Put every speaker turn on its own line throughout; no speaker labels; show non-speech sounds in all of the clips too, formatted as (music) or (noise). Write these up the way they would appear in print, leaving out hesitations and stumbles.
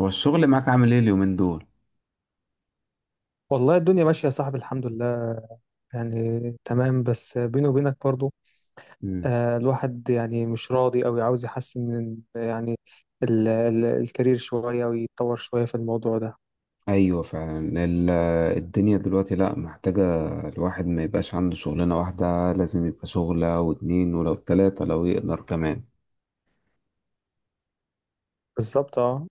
هو الشغل معاك عامل ايه اليومين دول؟
والله الدنيا ماشية يا صاحبي، الحمد لله. يعني تمام بس بيني وبينك برضو.
مم.
آه، الواحد يعني مش راضي أوي، عاوز يحسن من يعني ال ال الكارير شوية ويتطور شوية في الموضوع ده.
ايوه فعلا الدنيا دلوقتي لا محتاجة الواحد ما يبقاش عنده شغلانة واحدة، لازم يبقى شغلة واتنين ولو تلاتة لو يقدر كمان.
بالظبط، اه.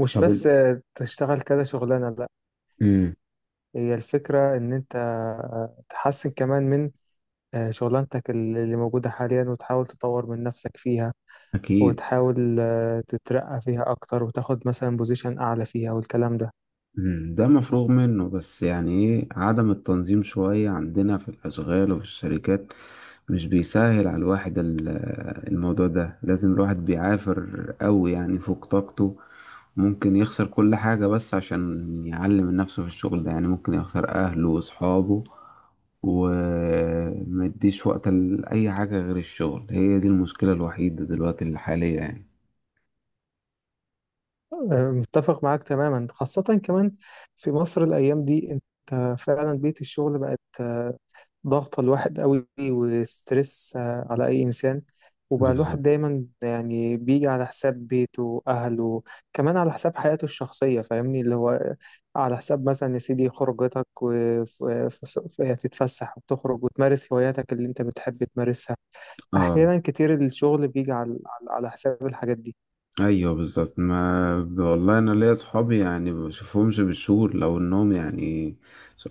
مش
طب انت
بس تشتغل كذا شغلانة، لا.
امم
هي الفكرة إن أنت تحسن كمان من شغلانتك اللي موجودة حاليا، وتحاول تطور من نفسك فيها.
اكيد.
وتحاول تترقى فيها أكتر وتاخد مثلا بوزيشن أعلى فيها والكلام ده.
ده مفروغ منه، بس يعني ايه عدم التنظيم شوية عندنا في الأشغال وفي الشركات. مش بيسهل على الواحد الموضوع ده، لازم الواحد بيعافر قوي يعني فوق طاقته. ممكن يخسر كل حاجة بس عشان يعلم من نفسه في الشغل ده، يعني ممكن يخسر أهله وأصحابه، ومديش وقت لأي حاجة غير الشغل. هي دي المشكلة الوحيدة دلوقتي الحالية يعني.
متفق معاك تماما، خاصة كمان في مصر الأيام دي. أنت فعلا بيئة الشغل بقت ضغطة الواحد قوي وستريس على أي إنسان. وبقى الواحد
بالظبط
دايما يعني بيجي على حساب بيته وأهله، كمان على حساب حياته الشخصية. فاهمني، اللي هو على حساب مثلا يا سيدي خروجتك وتتفسح وتخرج وتمارس هواياتك اللي أنت بتحب تمارسها.
اه.
أحيانا كتير الشغل بيجي على حساب الحاجات دي.
ايوه بالظبط، ما والله انا ليا صحابي يعني ما بشوفهمش بالشهور، لو انهم يعني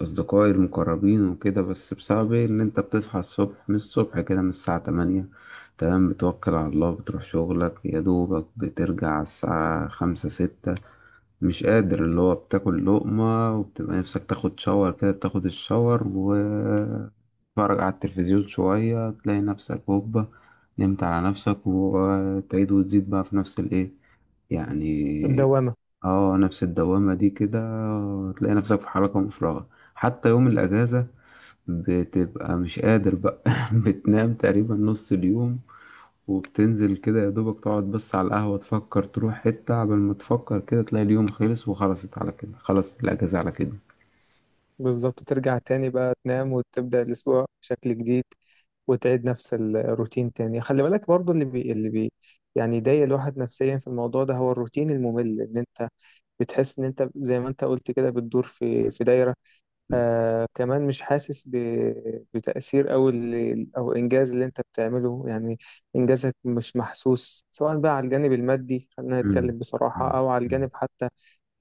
اصدقائي المقربين وكده. بس بسبب ايه؟ ان انت بتصحى الصبح، من الصبح كده من الساعة 8 تمام، بتوكل على الله بتروح شغلك، يا دوبك بترجع على الساعة 5 6 مش قادر، اللي هو بتاكل لقمة وبتبقى نفسك تاخد شاور كده. بتاخد الشاور و تتفرج على التلفزيون شوية، تلاقي نفسك هوبا نمت على نفسك. وتعيد وتزيد بقى في نفس الايه يعني.
الدوامة.
اه، نفس الدوامة دي كده، تلاقي نفسك في حركة مفرغة. حتى يوم الأجازة بتبقى مش قادر بقى (laughs) بتنام تقريبا نص اليوم، وبتنزل كده يا دوبك تقعد بس على القهوة، تفكر تروح حتة، قبل ما تفكر كده تلاقي اليوم خلص وخلصت على كده، خلصت الأجازة على كده.
بالظبط، ترجع تاني بقى تنام وتبدأ الأسبوع بشكل جديد، وتعيد نفس الروتين تاني. خلي بالك برضو يعني يضايق الواحد نفسيا في الموضوع ده هو الروتين الممل. ان انت بتحس ان انت زي ما انت قلت كده بتدور في دايرة. كمان مش حاسس بتأثير او او انجاز اللي انت بتعمله يعني. انجازك مش محسوس سواء بقى على الجانب المادي، خلينا
أمم،
نتكلم بصراحة،
أمم،
او على
أمم،
الجانب حتى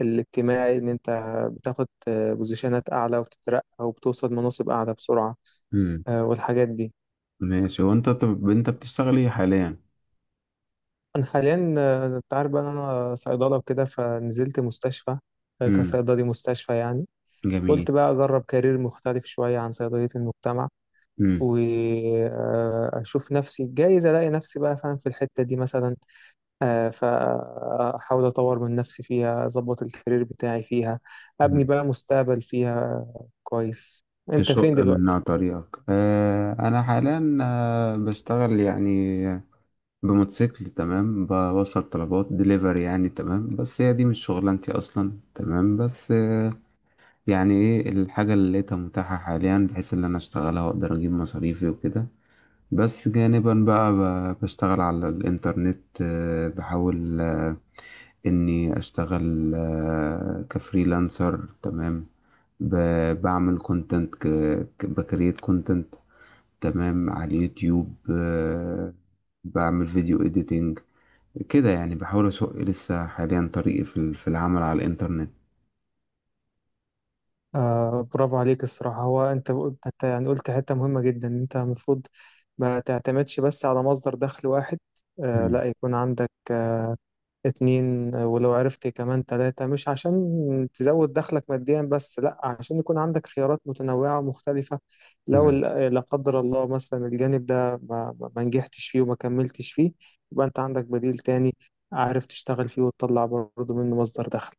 الاجتماعي. إن أنت بتاخد بوزيشنات أعلى وبتترقى وبتوصل مناصب أعلى بسرعة.
أمم.
والحاجات دي.
ماشي، وانت طب انت بتشتغل ايه حاليا؟
أنا حاليا أنت عارف بقى إن أنا صيدلة وكده، فنزلت مستشفى
أمم،
كصيدلي مستشفى يعني.
جميل.
قلت بقى أجرب كارير مختلف شوية عن صيدلية المجتمع،
مم.
وأشوف نفسي جايز ألاقي نفسي بقى فاهم في الحتة دي مثلا. فأحاول أطور من نفسي فيها، أظبط الكارير بتاعي فيها، أبني
مم.
بقى مستقبل فيها. كويس. أنت فين
تشق
دلوقتي؟
منها طريقك. أنا حاليا بشتغل يعني بموتوسيكل تمام، بوصل طلبات دليفري يعني تمام. بس هي دي مش شغلانتي أصلا تمام، بس يعني إيه الحاجة اللي لقيتها متاحة حاليا بحيث إن أنا أشتغلها وأقدر أجيب مصاريفي وكده. بس جانبا بقى بشتغل على الإنترنت، بحاول إني أشتغل كفريلانسر تمام. بعمل كونتنت، بكريت كونتنت تمام على اليوتيوب. بعمل فيديو إديتنج كده يعني، بحاول أسوق لسه حاليا طريقي في في العمل على الإنترنت.
آه، برافو عليك الصراحة. هو أنت يعني قلت حتة مهمة جدا. إن أنت المفروض ما تعتمدش بس على مصدر دخل واحد. لا، يكون عندك اتنين، ولو عرفت كمان تلاتة، مش عشان تزود دخلك ماديا بس، لا، عشان يكون عندك خيارات متنوعة ومختلفة. لو
مم.
لا قدر الله مثلا الجانب ده ما نجحتش فيه وما كملتش فيه، يبقى أنت عندك بديل تاني عارف تشتغل فيه وتطلع برضه منه مصدر دخل.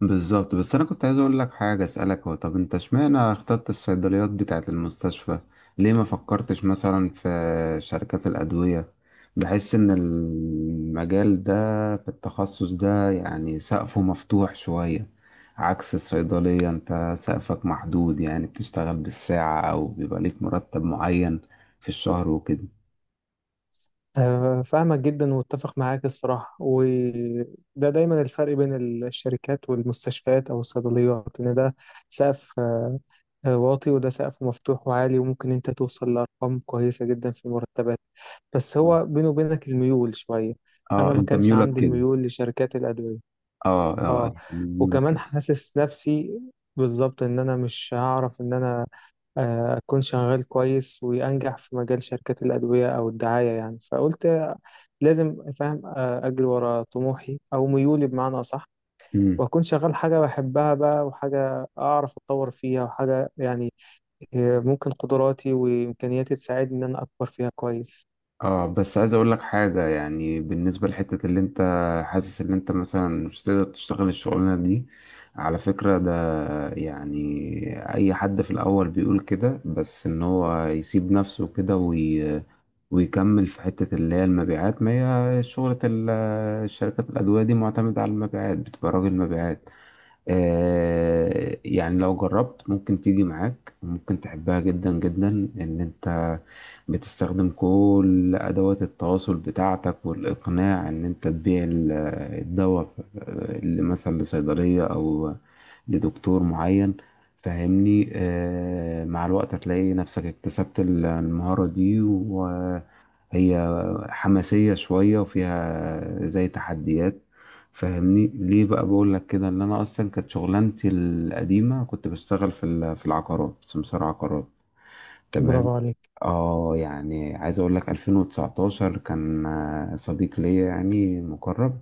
بالظبط، بس انا كنت عايز اقول لك حاجه، اسالك هو طب انت اشمعنى اخترت الصيدليات بتاعه المستشفى؟ ليه ما فكرتش مثلا في شركات الادويه؟ بحس ان المجال ده، في التخصص ده يعني سقفه مفتوح شويه، عكس الصيدليه انت سقفك محدود، يعني بتشتغل بالساعه او بيبقى ليك مرتب معين في الشهر وكده.
فاهمك جدا واتفق معاك الصراحة. وده دايما الفرق بين الشركات والمستشفيات أو الصيدليات، إن ده سقف واطي، وده سقف مفتوح وعالي وممكن أنت توصل لأرقام كويسة جدا في المرتبات. بس
آه.
هو بينه وبينك الميول شوية. أنا
اه
ما
انت
كانش
ميولك
عندي
كده.
الميول لشركات الأدوية.
اه اه
آه،
يعني ميولك
وكمان حاسس نفسي بالظبط إن أنا مش هعرف إن أنا أكون شغال كويس وأنجح في مجال شركات الأدوية أو الدعاية يعني. فقلت لازم فاهم، اجري ورا طموحي او ميولي بمعنى اصح.
كده.
واكون شغال حاجه بحبها بقى، وحاجه اعرف اتطور فيها، وحاجه يعني ممكن قدراتي وامكانياتي تساعدني ان انا اكبر فيها كويس.
اه بس عايز اقول لك حاجة، يعني بالنسبة لحتة اللي انت حاسس ان انت مثلا مش تقدر تشتغل الشغلانة دي، على فكرة ده يعني اي حد في الاول بيقول كده، بس ان هو يسيب نفسه كده ويكمل في حتة اللي هي المبيعات. ما هي شغلة الشركات الادوية دي معتمدة على المبيعات، بتبقى راجل مبيعات. يعني لو جربت ممكن تيجي معاك وممكن تحبها جدا جدا، ان انت بتستخدم كل ادوات التواصل بتاعتك والاقناع ان انت تبيع الدواء اللي مثلا لصيدلية او لدكتور معين. فاهمني، مع الوقت هتلاقي نفسك اكتسبت المهارة دي، وهي حماسية شوية وفيها زي تحديات. فاهمني ليه بقى بقول لك كده، ان انا اصلا كانت شغلانتي القديمه كنت بشتغل في في العقارات سمسار عقارات تمام.
برافو عليك.
اه يعني عايز اقول لك، 2019 كان صديق ليا يعني مقرب،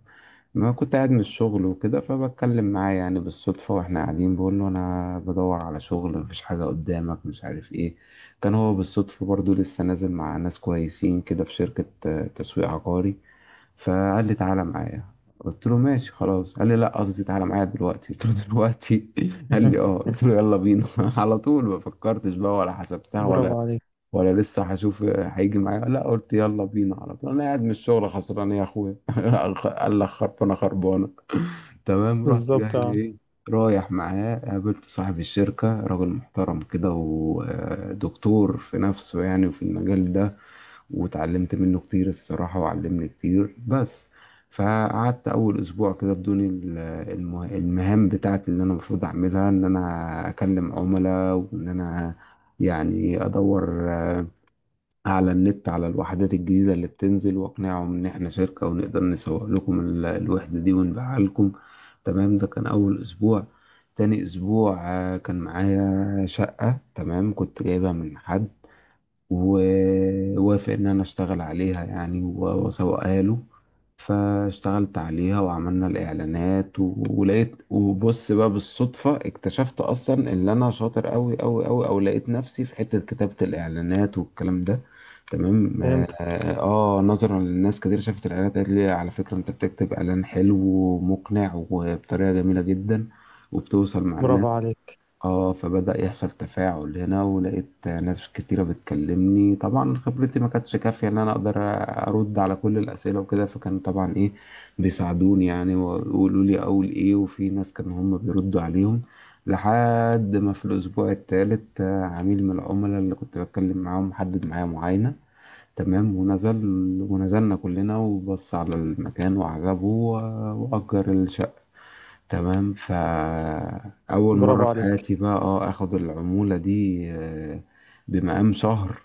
ما كنت قاعد من الشغل وكده، فبتكلم معاه يعني بالصدفه واحنا قاعدين، بقول له انا بدور على شغل، مفيش حاجه قدامك مش عارف ايه. كان هو بالصدفه برضو لسه نازل مع ناس كويسين كده في شركه تسويق عقاري. فقال لي تعالى معايا، قلت له ماشي خلاص. قال لي لا، قصدي تعالى معايا دلوقتي. قلت له دلوقتي؟ (laughs) قال لي اه.
(laughs)
قلت له يلا بينا (laughs) على طول، ما فكرتش بقى ولا حسبتها، ولا
برافو عليك.
ولا لسه هشوف هيجي معايا. لا، قلت يلا بينا على طول، انا قاعد من الشغل خسران يا اخويا. (laughs) قال لك خربانه خربانه تمام، رحت جاي
بالظبط، اه.
ايه رايح معاه. قابلت صاحب الشركة، راجل محترم كده ودكتور في نفسه يعني وفي المجال ده، واتعلمت منه كتير الصراحة وعلمني كتير. بس فقعدت أول أسبوع كده بدون المهام بتاعتي اللي أنا المفروض أعملها، إن أنا أكلم عملاء، وإن أنا يعني أدور على النت على الوحدات الجديدة اللي بتنزل، وأقنعهم إن إحنا شركة ونقدر نسوق لكم الوحدة دي ونبيعها لكم تمام. ده كان أول أسبوع. تاني أسبوع كان معايا شقة تمام، كنت جايبها من حد ووافق إن أنا أشتغل عليها يعني وأسوقها له. فاشتغلت عليها وعملنا الإعلانات ولقيت، وبص بقى بالصدفة اكتشفت أصلا إن أنا شاطر أوي أوي أوي، أو لقيت نفسي في حتة كتابة الإعلانات والكلام ده تمام. آه
فهمتك.
نظرا للناس كتير شافت الإعلانات قالت لي على فكرة أنت بتكتب إعلان حلو ومقنع وبطريقة جميلة جدا، وبتوصل مع
برافو
الناس.
عليك.
اه فبدأ يحصل تفاعل هنا، ولقيت ناس كتيرة بتكلمني، طبعا خبرتي ما كانتش كافية ان انا اقدر ارد على كل الاسئلة وكده، فكان طبعا ايه بيساعدوني يعني ويقولوا لي اقول ايه، وفي ناس كانوا هم بيردوا عليهم. لحد ما في الاسبوع الثالث عميل من العملاء اللي كنت بتكلم معاهم حدد معايا معاينة تمام، ونزل ونزلنا كلنا، وبص على المكان وعجبه وأجر الشقة تمام. فأول
برافو
مرة في
عليك.
حياتي بقى اه اخد العمولة دي بمقام شهر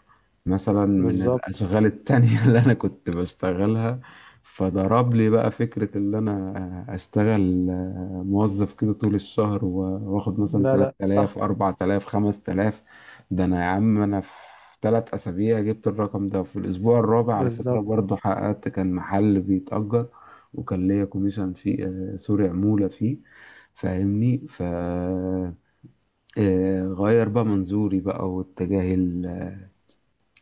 مثلا من
بالظبط.
الأشغال التانية (laughs) اللي أنا كنت بشتغلها. فضرب لي بقى فكرة، اللي أنا أشتغل موظف كده طول الشهر وآخد مثلا
لا لا، صح.
3000 4000 5000. ده أنا يا عم، أنا في 3 أسابيع جبت الرقم ده. في الأسبوع الرابع على فكرة
بالظبط.
برضه حققت، كان محل بيتأجر وكان ليا كوميشن فيه، سوري عمولة فيه. فاهمني، ف غير بقى منظوري بقى واتجاهي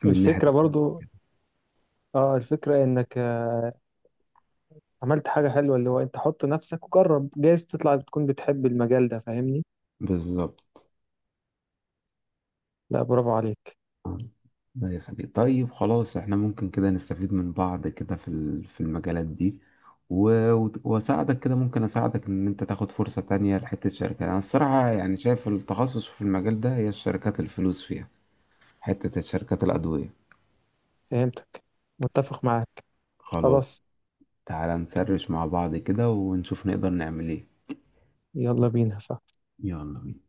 من ناحية
الفكرة برضو، اه، الفكرة انك عملت حاجة حلوة. اللي هو انت حط نفسك وجرب، جايز تطلع بتكون بتحب المجال ده، فاهمني.
بالظبط.
لا، برافو عليك.
الله يخليك، طيب خلاص احنا ممكن كده نستفيد من بعض كده في في المجالات دي، واساعدك كده، ممكن اساعدك ان انت تاخد فرصة تانية لحتة شركة، انا الصراحة يعني شايف التخصص في المجال ده هي الشركات الفلوس فيها، حتة الشركات الأدوية.
فهمتك. متفق معاك.
خلاص،
خلاص.
تعالى نسرش مع بعض كده ونشوف نقدر نعمل ايه.
يلا بينا، صح.
يلا بينا.